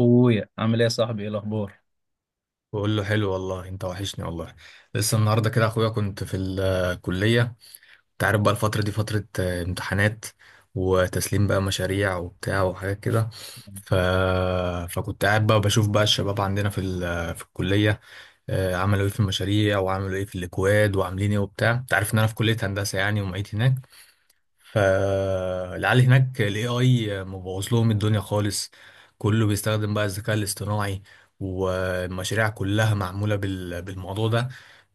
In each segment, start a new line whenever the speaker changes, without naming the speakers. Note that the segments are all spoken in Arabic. اخويا عامل ايه يا صاحبي؟ ايه الاخبار؟
بقول له حلو، والله انت وحشني والله. لسه النهارده كده اخويا كنت في الكليه. انت عارف بقى الفتره دي فتره امتحانات وتسليم بقى مشاريع وبتاع وحاجات كده. ف... فكنت قاعد بقى بشوف بقى الشباب عندنا في الكليه. عملوا ايه في المشاريع وعملوا ايه في الاكواد وعاملين ايه وبتاع. انت عارف ان انا في كليه هندسه يعني ومعيد هناك. فالعيال هناك ال AI مبوظ لهم الدنيا خالص. كله بيستخدم بقى الذكاء الاصطناعي، والمشاريع كلها معمولة بالموضوع ده.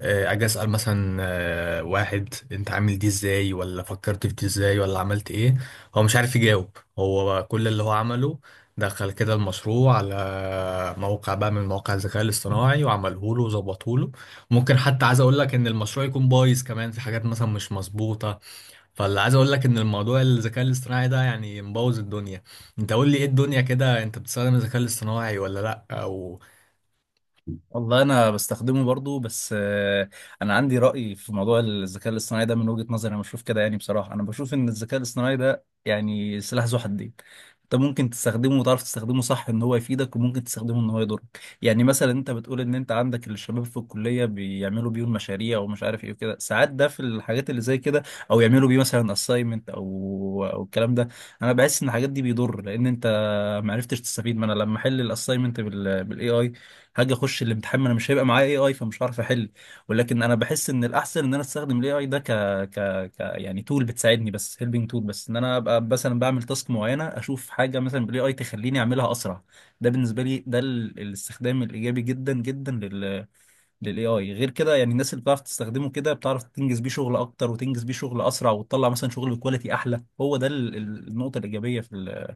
أجي أسأل مثلا، واحد، أنت عامل دي إزاي، ولا فكرت في دي إزاي، ولا عملت إيه. هو مش عارف يجاوب. هو كل اللي هو عمله دخل كده المشروع على موقع بقى من مواقع الذكاء الاصطناعي وعمله له وظبطه له. ممكن حتى عايز اقول لك ان المشروع يكون بايظ كمان في حاجات مثلا مش مظبوطة. فاللي عايز اقول لك ان الموضوع الذكاء الاصطناعي ده يعني مبوظ الدنيا. انت قول لي ايه الدنيا كده، انت بتستخدم الذكاء الاصطناعي ولا لا، او؟
والله انا بستخدمه برضو، بس انا عندي رأي في موضوع الذكاء الاصطناعي ده. من وجهة نظري انا بشوف كده، يعني بصراحة انا بشوف ان الذكاء الاصطناعي ده يعني سلاح ذو حدين. انت ممكن تستخدمه وتعرف تستخدمه صح ان هو يفيدك، وممكن تستخدمه ان هو يضرك. يعني مثلا انت بتقول ان انت عندك الشباب في الكلية بيعملوا بيه المشاريع ومش عارف ايه وكده، ساعات ده في الحاجات اللي زي كده، او يعملوا بيه مثلا اساينمنت او الكلام ده. انا بحس ان الحاجات دي بيضر، لان انت ما عرفتش تستفيد. ما انا لما احل الاساينمنت بالاي اي، هاجي اخش الامتحان ما انا مش هيبقى معايا اي اي، فمش هعرف احل. ولكن انا بحس ان الاحسن ان انا استخدم الاي اي ده ك... ك... ك يعني تول بتساعدني، بس هيلبنج تول، بس ان انا ابقى مثلا بعمل تاسك معينه، اشوف حاجه مثلا بالاي اي تخليني اعملها اسرع. ده بالنسبه لي ده الاستخدام الايجابي جدا جدا للاي اي. غير كده يعني الناس اللي بتعرف تستخدمه كده بتعرف تنجز بيه شغل اكتر، وتنجز بيه شغل اسرع، وتطلع مثلا شغل بكواليتي احلى. هو ده النقطه الايجابيه في ال...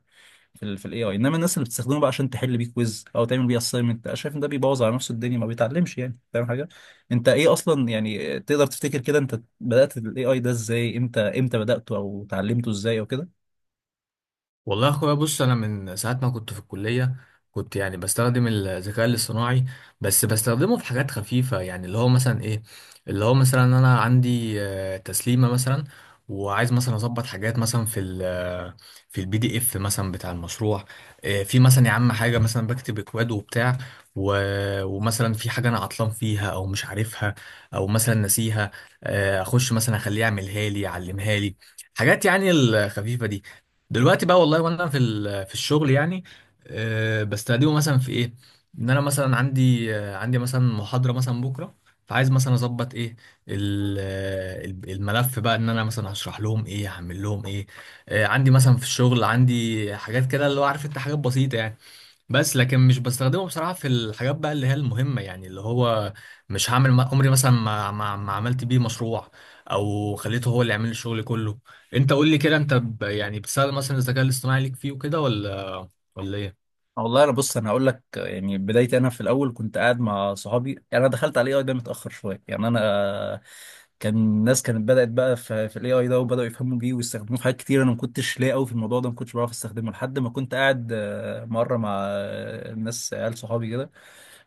في ال في الاي اي. انما الناس اللي بتستخدمه بقى عشان تحل بيه كويز او تعمل بيه اساينمنت، انا شايف ان ده بيبوظ على نفسه الدنيا، ما بيتعلمش يعني، فاهم حاجه؟ انت ايه اصلا يعني؟ تقدر تفتكر كده انت بدات الاي اي ده ازاي؟ امتى امتى بداته او اتعلمته ازاي او كده؟
والله يا اخويا بص، انا من ساعه ما كنت في الكليه كنت يعني بستخدم الذكاء الاصطناعي، بس بستخدمه في حاجات خفيفه، يعني اللي هو مثلا ايه. اللي هو مثلا انا عندي تسليمه مثلا، وعايز مثلا اظبط حاجات مثلا في ال آه، في البي دي اف مثلا بتاع المشروع. في مثلا يا عم حاجه مثلا بكتب اكواد وبتاع، ومثلا في حاجه انا عطلان فيها او مش عارفها او مثلا ناسيها. اخش مثلا اخليه يعملها لي يعلمها لي، حاجات يعني الخفيفه دي. دلوقتي بقى والله، وانا في الشغل يعني بستخدمه مثلا في ايه. ان انا مثلا عندي، عندي مثلا محاضره مثلا بكره، فعايز مثلا اظبط ايه، الملف بقى، ان انا مثلا هشرح لهم ايه هعمل لهم ايه. عندي مثلا في الشغل عندي حاجات كده اللي هو عارف انت، حاجات بسيطه يعني. بس لكن مش بستخدمه بصراحة في الحاجات بقى اللي هي المهمة، يعني اللي هو مش هعمل، عمري مثلا ما عملت بيه مشروع، او خليته هو اللي يعمل لي الشغل كله. انت قول لي كده، انت يعني بتستخدم مثلا الذكاء الاصطناعي ليك فيه وكده، ولا ايه؟
والله انا بص انا هقول لك يعني بدايتي، انا في الاول كنت قاعد مع صحابي. يعني انا دخلت على الاي اي ده متاخر شويه، يعني انا كان الناس كانت بدات بقى في الاي اي ده، وبداوا يفهموا بيه ويستخدموه في حاجات كتير. انا ما كنتش لاقي قوي في الموضوع ده، ما كنتش بعرف استخدمه لحد ما كنت قاعد مره مع ناس عيال صحابي كده.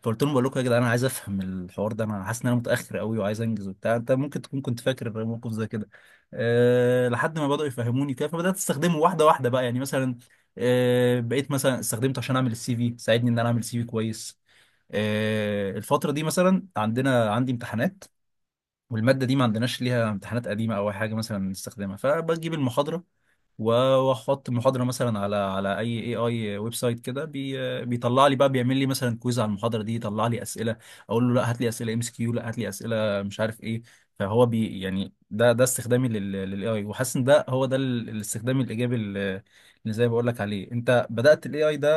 فقلت لهم بقول لكم يا جدعان، انا عايز افهم الحوار ده، انا حاسس ان انا متاخر قوي وعايز انجز وبتاع. انت ممكن تكون كنت فاكر موقف زي كده. أه، لحد ما بداوا يفهموني كده، فبدات استخدمه واحده واحده بقى، يعني مثلا أه بقيت مثلا استخدمته عشان اعمل السي في، ساعدني ان انا اعمل سي في كويس. أه، الفتره دي مثلا عندي امتحانات، والماده دي ما عندناش ليها امتحانات قديمه او أي حاجه مثلا نستخدمها، فبجيب المحاضره و- واحط المحاضره مثلا على اي اي اي ويب سايت كده، بيطلع لي بقى، بيعمل لي مثلا كويز على المحاضره دي، يطلع لي اسئله. اقول له لا، هات لي اسئله ام اس كيو، لا هات لي اسئله مش عارف ايه. فهو يعني ده استخدامي للاي اي، وحاسس ان ده هو الاستخدام الايجابي اللي زي ما بقول لك عليه. انت بدأت الاي اي ده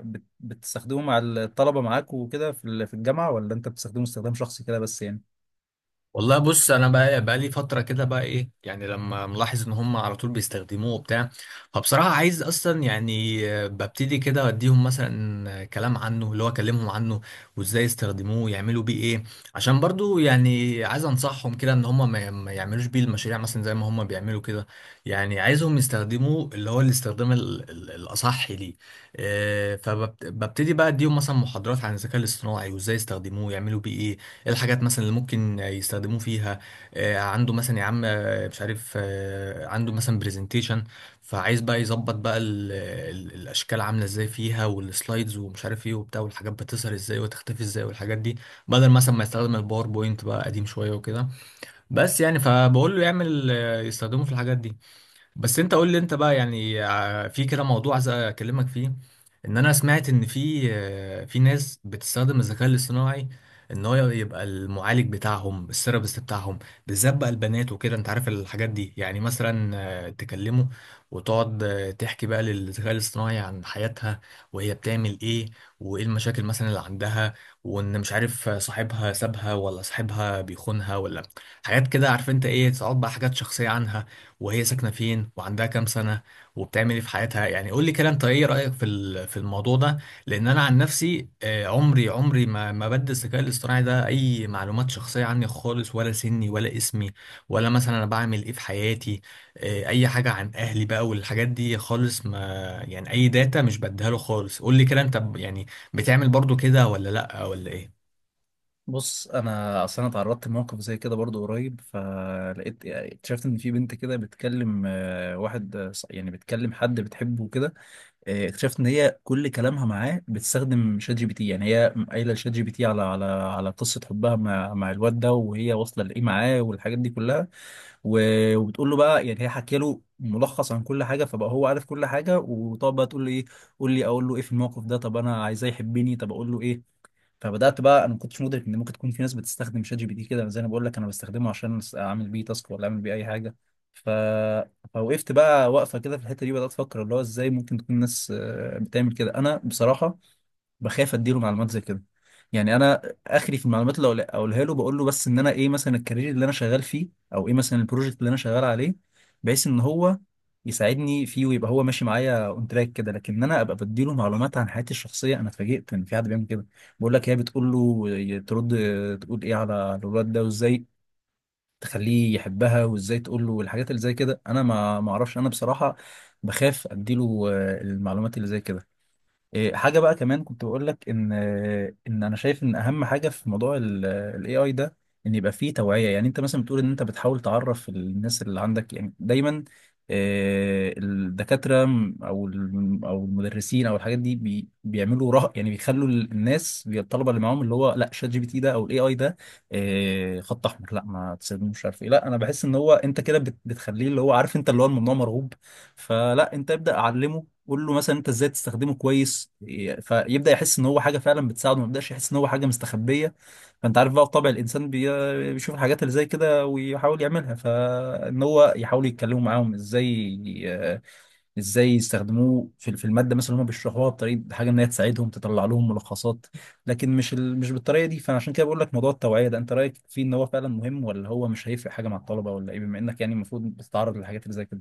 بتستخدمه مع الطلبه معاك وكده في الجامعه، ولا انت بتستخدمه استخدام شخصي كده بس يعني؟
والله بص، انا بقى لي فتره كده بقى ايه، يعني لما ملاحظ ان هم على طول بيستخدموه وبتاع. فبصراحه عايز اصلا يعني ببتدي كده اديهم مثلا كلام عنه، اللي هو اكلمهم عنه وازاي يستخدموه يعملوا بيه ايه، عشان برضو يعني عايز انصحهم كده ان هم ما يعملوش بيه المشاريع مثلا زي ما هم بيعملوا كده. يعني عايزهم يستخدموه اللي هو الاستخدام الاصح ليه. فببتدي بقى اديهم مثلا محاضرات عن الذكاء الاصطناعي وازاي يستخدموه يعملوا بيه ايه، ايه الحاجات مثلا اللي ممكن يستخدموه فيها. عنده مثلا يا عم، مش عارف، عنده مثلا برزنتيشن، فعايز بقى يظبط بقى ال ال الاشكال عامله ازاي فيها، والسلايدز ومش عارف ايه وبتاع، والحاجات بتظهر ازاي وتختفي ازاي والحاجات دي، بدل مثلا ما يستخدم الباوربوينت بقى قديم شويه وكده. بس يعني فبقول له يعمل، يستخدمه في الحاجات دي. بس انت قول لي، انت بقى يعني في كده موضوع عايز اكلمك فيه. ان انا سمعت ان في، في ناس بتستخدم الذكاء الاصطناعي ان هو يبقى المعالج بتاعهم، الثيرابيست بتاعهم، بالذات بقى البنات وكده، انت عارف الحاجات دي يعني، مثلا تكلمه، وتقعد تحكي بقى للذكاء الاصطناعي عن حياتها، وهي بتعمل ايه، وايه المشاكل مثلا اللي عندها، وان مش عارف صاحبها سابها ولا صاحبها بيخونها، ولا حاجات كده عارف انت ايه، تقعد بقى حاجات شخصية عنها، وهي ساكنة فين، وعندها كام سنة، وبتعمل ايه في حياتها. يعني قول لي كده، انت ايه رأيك في الموضوع ده؟ لان انا عن نفسي، عمري ما بدي الذكاء الاصطناعي ده اي معلومات شخصية عني خالص، ولا سني، ولا اسمي، ولا مثلا انا بعمل ايه في حياتي، اي حاجة عن اهلي بقى والحاجات دي خالص ما، يعني اي داتا مش بديها له خالص. قول لي كده، انت يعني بتعمل برضو كده ولا لا، ولا ايه؟
بص انا اصلا اتعرضت لموقف زي كده برضو قريب، فلقيت يعني اكتشفت ان في بنت كده بتكلم واحد، يعني بتكلم حد بتحبه كده. اكتشفت ان هي كل كلامها معاه بتستخدم شات جي بي تي. يعني هي قايله لشات جي بي تي على على قصه حبها مع الواد ده، وهي واصله لايه معاه، والحاجات دي كلها. وبتقول له بقى يعني، هي حكي له ملخص عن كل حاجه، فبقى هو عارف كل حاجه. وطب بقى تقول له ايه؟ قول لي اقول له ايه في الموقف ده؟ طب انا عايزاه يحبني، طب اقول له ايه؟ فبدات بقى، انا ما كنتش مدرك ان ممكن تكون في ناس بتستخدم شات جي بي تي كده. زي انا بقول لك انا بستخدمه عشان اعمل بيه تاسك ولا اعمل بيه اي حاجه. ف... فوقفت بقى واقفه كده في الحته دي، بدات افكر اللي هو ازاي ممكن تكون الناس بتعمل كده. انا بصراحه بخاف اديله معلومات زي كده. يعني انا اخري في المعلومات اقولها له، بقول له بس ان انا ايه، مثلا الكارير اللي انا شغال فيه، او ايه مثلا البروجكت اللي انا شغال عليه، بحيث ان هو يساعدني فيه، ويبقى هو ماشي معايا اون تراك كده. لكن انا ابقى بديله معلومات عن حياتي الشخصيه، انا اتفاجئت ان في حد بيعمل كده. بقول لك هي بتقول له ترد، تقول ايه على الولاد ده، وازاي تخليه يحبها، وازاي تقول له الحاجات اللي زي كده. انا ما اعرفش. انا بصراحه بخاف اديله المعلومات اللي زي كده. إيه، حاجة بقى كمان كنت بقول لك إن أنا شايف إن أهم حاجة في موضوع ال AI ده، إن يبقى فيه توعية. يعني أنت مثلا بتقول إن أنت بتحاول تعرف الناس اللي عندك يعني دايما. الدكاترة أو المدرسين أو الحاجات دي بيعملوا رهق، يعني بيخلوا الناس الطلبة اللي معاهم اللي هو لا، شات جي بي تي ده أو ال AI ده خط أحمر، لا ما تستخدموش، مش عارف إيه. لا، أنا بحس إن هو، أنت كده بتخليه اللي هو عارف أنت اللي هو الممنوع مرغوب. فلا، أنت ابدأ علمه. قول له مثلا انت ازاي تستخدمه كويس. فيبدا يحس ان هو حاجه فعلا بتساعده، ما يبداش يحس ان هو حاجه مستخبيه. فانت عارف بقى طبع الانسان بيشوف الحاجات اللي زي كده ويحاول يعملها. فان هو يحاولوا يتكلموا معاهم ازاي ازاي يستخدموه في الماده مثلا اللي هم بيشرحوها، بطريقه حاجه ان هي تساعدهم تطلع لهم ملخصات، لكن مش بالطريقه دي. فانا عشان كده بقول لك موضوع التوعيه ده، انت رايك فيه ان هو فعلا مهم، ولا هو مش هيفرق حاجه مع الطلبه، ولا ايه؟ بما انك يعني المفروض بتتعرض للحاجات اللي زي كده.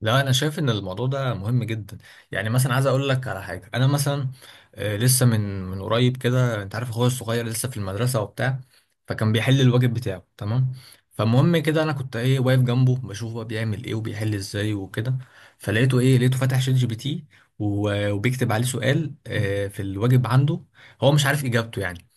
لا انا شايف ان الموضوع ده مهم جدا يعني مثلا عايز اقول لك على حاجه انا مثلا آه، لسه من من قريب كده انت عارف اخويا الصغير لسه في المدرسه وبتاع فكان بيحل الواجب بتاعه تمام فالمهم كده انا كنت ايه واقف جنبه بشوف هو بيعمل ايه وبيحل ازاي وكده فلقيته ايه لقيته فاتح شات جي بي تي و- وبيكتب عليه سؤال آه، في الواجب عنده هو مش عارف اجابته يعني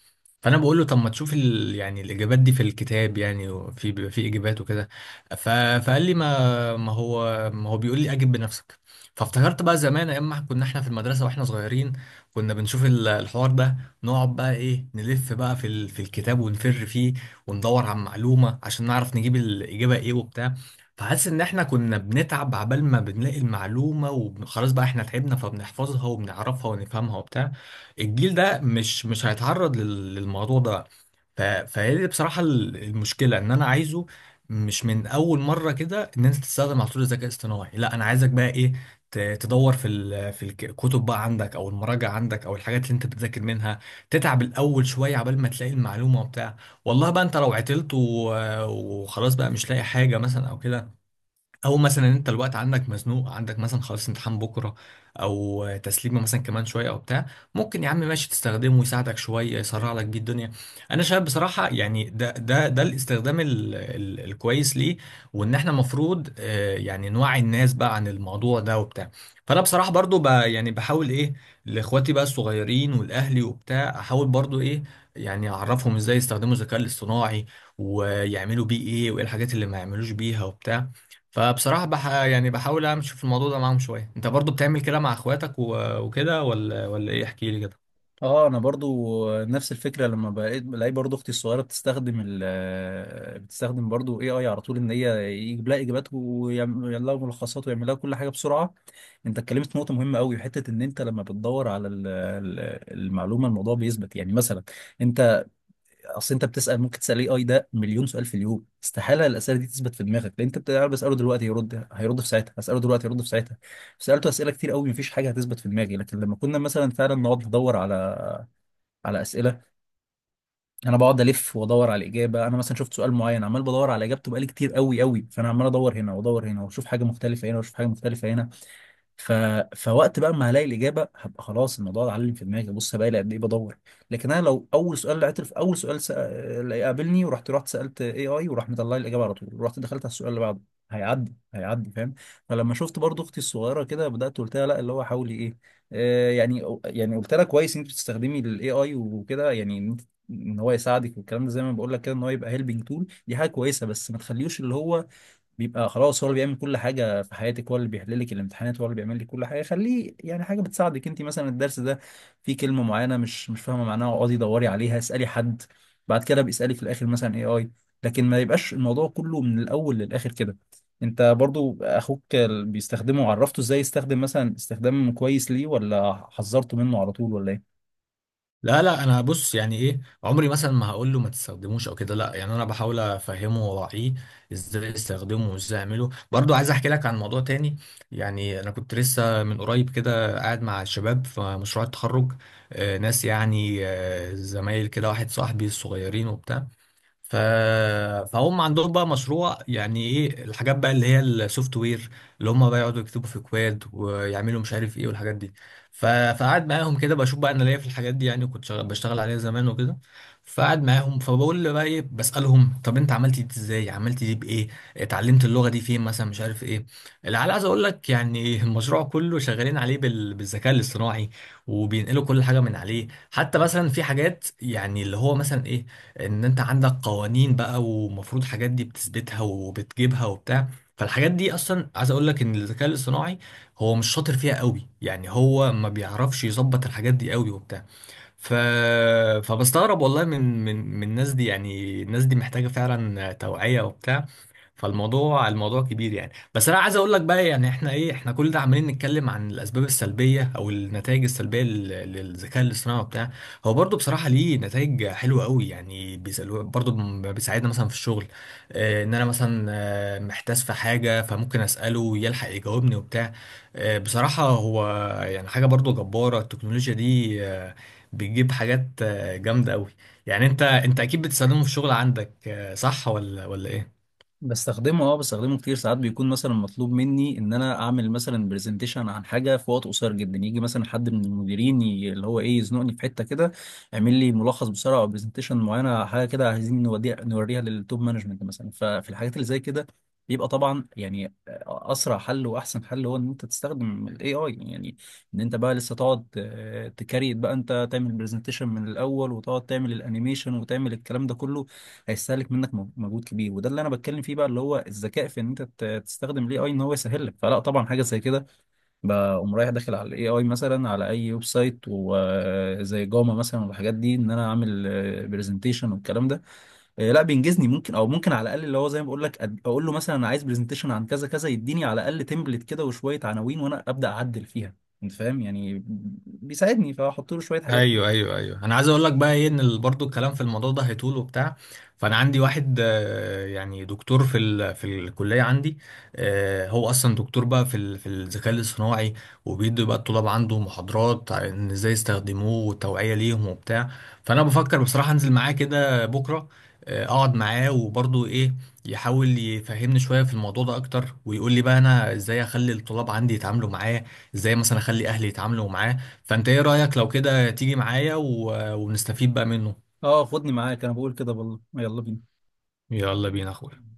فانا بقول له طب ما تشوف ال... يعني الاجابات دي في الكتاب يعني وفي بيبقى في اجابات وكده ف... فقال لي ما ما هو ما هو بيقول لي اجب بنفسك فافتكرت بقى زمان ايام ما كنا احنا في المدرسه واحنا صغيرين كنا بنشوف ال- الحوار ده نقعد بقى ايه نلف بقى في ال... في الكتاب ونفر فيه وندور على معلومه عشان نعرف نجيب الاجابه ايه وبتاع فحاسس ان احنا كنا بنتعب عبال ما بنلاقي المعلومه وخلاص بقى احنا تعبنا فبنحفظها وبنعرفها ونفهمها وبتاع الجيل ده مش مش هيتعرض لل- للموضوع ده ف... فهي دي بصراحة ال- المشكلة ان انا عايزه مش من اول مرة كده ان انت تستخدم على طول الذكاء الاصطناعي لا انا عايزك بقى ايه ت- تدور في ال... في الك- الكتب بقى عندك او المراجع عندك او الحاجات اللي انت بتذاكر منها تتعب الاول شوية عبال ما تلاقي المعلومة وبتاع والله بقى انت لو عطلت و... وخلاص بقى مش لاقي حاجة مثلا او كده او مثلا انت الوقت عندك مزنوق عندك مثلا خلاص امتحان بكره او تسليمه مثلا كمان شويه او بتاع ممكن يا عم ماشي تستخدمه يساعدك شويه يسرع لك بيه الدنيا انا شايف بصراحه يعني ده ده ده الاستخدام ال ال الكويس ليه وان احنا المفروض يعني نوعي الناس بقى عن الموضوع ده وبتاع فانا بصراحه برضو ب يعني بحاول ايه لاخواتي بقى الصغيرين والاهلي وبتاع احاول برضو ايه يعني اعرفهم ازاي يستخدموا الذكاء الاصطناعي ويعملوا بيه ايه وايه الحاجات اللي ما يعملوش بيها وبتاع فبصراحة بح يعني بحاول امشي في الموضوع ده معاهم شوية انت برضو بتعمل كده مع اخواتك و- وكده ولا ولا ايه احكي لي كده
اه، انا برضو نفس الفكره، لما بقيت بلاقي برضو اختي الصغيره بتستخدم برضو اي اي على طول، ان هي يجيب لها اجابات، ويعمل لها ملخصات، ويعمل لها كل حاجه بسرعه. انت اتكلمت في نقطه مهمه قوي، حته ان انت لما بتدور على المعلومه، الموضوع بيثبت. يعني مثلا انت، اصل انت بتسال، ممكن تسال اي اي ده مليون سؤال في اليوم. استحاله الاسئله دي تثبت في دماغك، لان انت بتعرف بساله دلوقتي هيرد في ساعتها، اساله دلوقتي هيرد في ساعتها، سالته اسئله كتير قوي، مفيش حاجه هتثبت في دماغي. لكن لما كنا مثلا فعلا نقعد ندور على على اسئله، انا بقعد الف وادور على الاجابه. انا مثلا شفت سؤال معين عمال بدور على اجابته بقالي كتير قوي قوي، فانا عمال ادور هنا وادور هنا، واشوف حاجه مختلفه هنا، واشوف حاجه مختلفه هنا. ف... فوقت بقى ما هلاقي الاجابه، هبقى خلاص الموضوع اتعلم في دماغي، بص بقى قد ايه بدور. لكن انا لو اول سؤال لقيته، في اول سؤال اللي قابلني، رحت سالت اي اي، وراح مطلع لي الاجابه على طول، ورحت دخلت على السؤال اللي بعده، هيعدي فاهم. فلما شفت برضو اختي الصغيره كده، بدات قلت لها لا، اللي هو حاولي ايه. آه، يعني قلت لها كويس ان انت بتستخدمي الاي اي وكده، يعني إن هو يساعدك، والكلام ده زي ما بقول لك كده، ان هو يبقى هيلبنج تول، دي حاجه كويسه. بس ما تخليوش اللي هو بيبقى خلاص هو اللي بيعمل كل حاجة في حياتك، هو اللي بيحل لك الامتحانات، هو اللي بيعمل لك كل حاجة. خليه يعني حاجة بتساعدك. انت مثلا الدرس ده فيه كلمة معينة مش فاهمة معناها، اقعدي دوري عليها، اسألي حد، بعد كده بيسألك في الآخر مثلا اي اي. لكن ما يبقاش الموضوع كله من الأول للآخر كده. انت برضو اخوك بيستخدمه، عرفته ازاي يستخدم مثلا استخدام كويس ليه، ولا حذرته منه على طول، ولا ايه؟
لا لا، انا بص، يعني ايه، عمري مثلا ما هقول له ما تستخدموش او كده. لا، يعني انا بحاول افهمه واوعيه ازاي استخدمه وازاي اعمله. برضو عايز احكي لك عن موضوع تاني. يعني انا كنت لسه من قريب كده قاعد مع الشباب في مشروع التخرج، ناس يعني زمايل كده، واحد صاحبي الصغيرين وبتاع. ف... فهم عندهم بقى مشروع، يعني ايه الحاجات بقى اللي هي السوفت وير، اللي هم بقى يقعدوا يكتبوا في كواد ويعملوا مش عارف ايه والحاجات دي. فقعد معاهم كده بشوف بقى، انا ليا في الحاجات دي يعني، كنت بشتغل عليها زمان وكده. فقعد معاهم فبقول له بقى ايه، بسألهم طب انت عملت دي ازاي، عملت دي بايه، اتعلمت اللغة دي فين مثلا، مش عارف ايه. اللي عايز اقول لك يعني المشروع كله شغالين عليه بالذكاء الاصطناعي، وبينقلوا كل حاجة من عليه. حتى مثلا في حاجات يعني اللي هو مثلا ايه، ان انت عندك قوانين بقى ومفروض حاجات دي بتثبتها وبتجيبها وبتاع، فالحاجات دي اصلا عايز اقول لك ان الذكاء الاصطناعي هو مش شاطر فيها قوي يعني، هو ما بيعرفش يظبط الحاجات دي قوي وبتاع. ف... فبستغرب والله من الناس دي، يعني الناس دي محتاجة فعلا توعية وبتاع. فالموضوع كبير يعني. بس انا عايز اقول لك بقى يعني احنا ايه، احنا كل ده عمالين نتكلم عن الاسباب السلبيه او النتائج السلبيه للذكاء الاصطناعي وبتاع. هو برضو بصراحه ليه نتائج حلوه قوي يعني، بيسألوا برضو بيساعدنا مثلا في الشغل. ان انا مثلا محتاس في حاجه فممكن اساله يلحق يجاوبني وبتاع. بصراحه هو يعني حاجه برضو جباره، التكنولوجيا دي بتجيب حاجات جامده قوي. يعني انت اكيد بتستخدمه في الشغل عندك، صح ولا ولا ايه؟
بستخدمه، اه بستخدمه كتير. ساعات بيكون مثلا مطلوب مني ان انا اعمل مثلا برزنتيشن عن حاجه في وقت قصير جدا، يجي مثلا حد من المديرين اللي هو ايه يزنقني في حته كده، اعمل لي ملخص بسرعه، او برزنتيشن معينه، حاجه كده عايزين نوديها نوريها للتوب مانجمنت مثلا. ففي الحاجات اللي زي كده بيبقى طبعا يعني اسرع حل واحسن حل هو ان انت تستخدم الاي اي يعني. ان انت بقى لسه تقعد تكريت بقى، انت تعمل برزنتيشن من الاول، وتقعد تعمل الانيميشن، وتعمل الكلام ده كله، هيستهلك منك مجهود كبير. وده اللي انا بتكلم فيه بقى، اللي هو الذكاء في ان انت تستخدم الاي اي ان هو يسهل لك. فلا طبعا، حاجه زي كده بقوم رايح داخل على الاي اي، مثلا على اي ويب سايت وزي جاما مثلا والحاجات دي، ان انا اعمل برزنتيشن والكلام ده. لا بينجزني ممكن، او ممكن على الاقل اللي هو زي ما بقول لك اقول له مثلا انا عايز برزنتيشن عن كذا كذا، يديني على الاقل تمبلت كده وشويه عناوين، وانا ابدا اعدل فيها. انت فاهم يعني؟ بيساعدني، فاحط له شويه حاجات.
ايوه ايوه ايوه، انا عايز اقول لك بقى ايه ان برضو الكلام في الموضوع ده هيطول وبتاع. فانا عندي واحد يعني دكتور في الكليه عندي، هو اصلا دكتور بقى في الذكاء الاصطناعي، وبيدي بقى الطلاب عنده محاضرات عن ازاي يستخدموه والتوعيه ليهم وبتاع. فانا بفكر بصراحه انزل معاه كده بكره، اقعد معاه وبرضو ايه، يحاول يفهمني شويه في الموضوع ده اكتر، ويقول لي بقى انا ازاي اخلي الطلاب عندي يتعاملوا معاه، ازاي مثلا اخلي اهلي يتعاملوا معاه. فانت ايه رأيك لو كده تيجي معايا ونستفيد بقى منه؟
اه، خدني معاك، انا بقول كده والله، يلا بينا.
يلا بينا يا اخويا.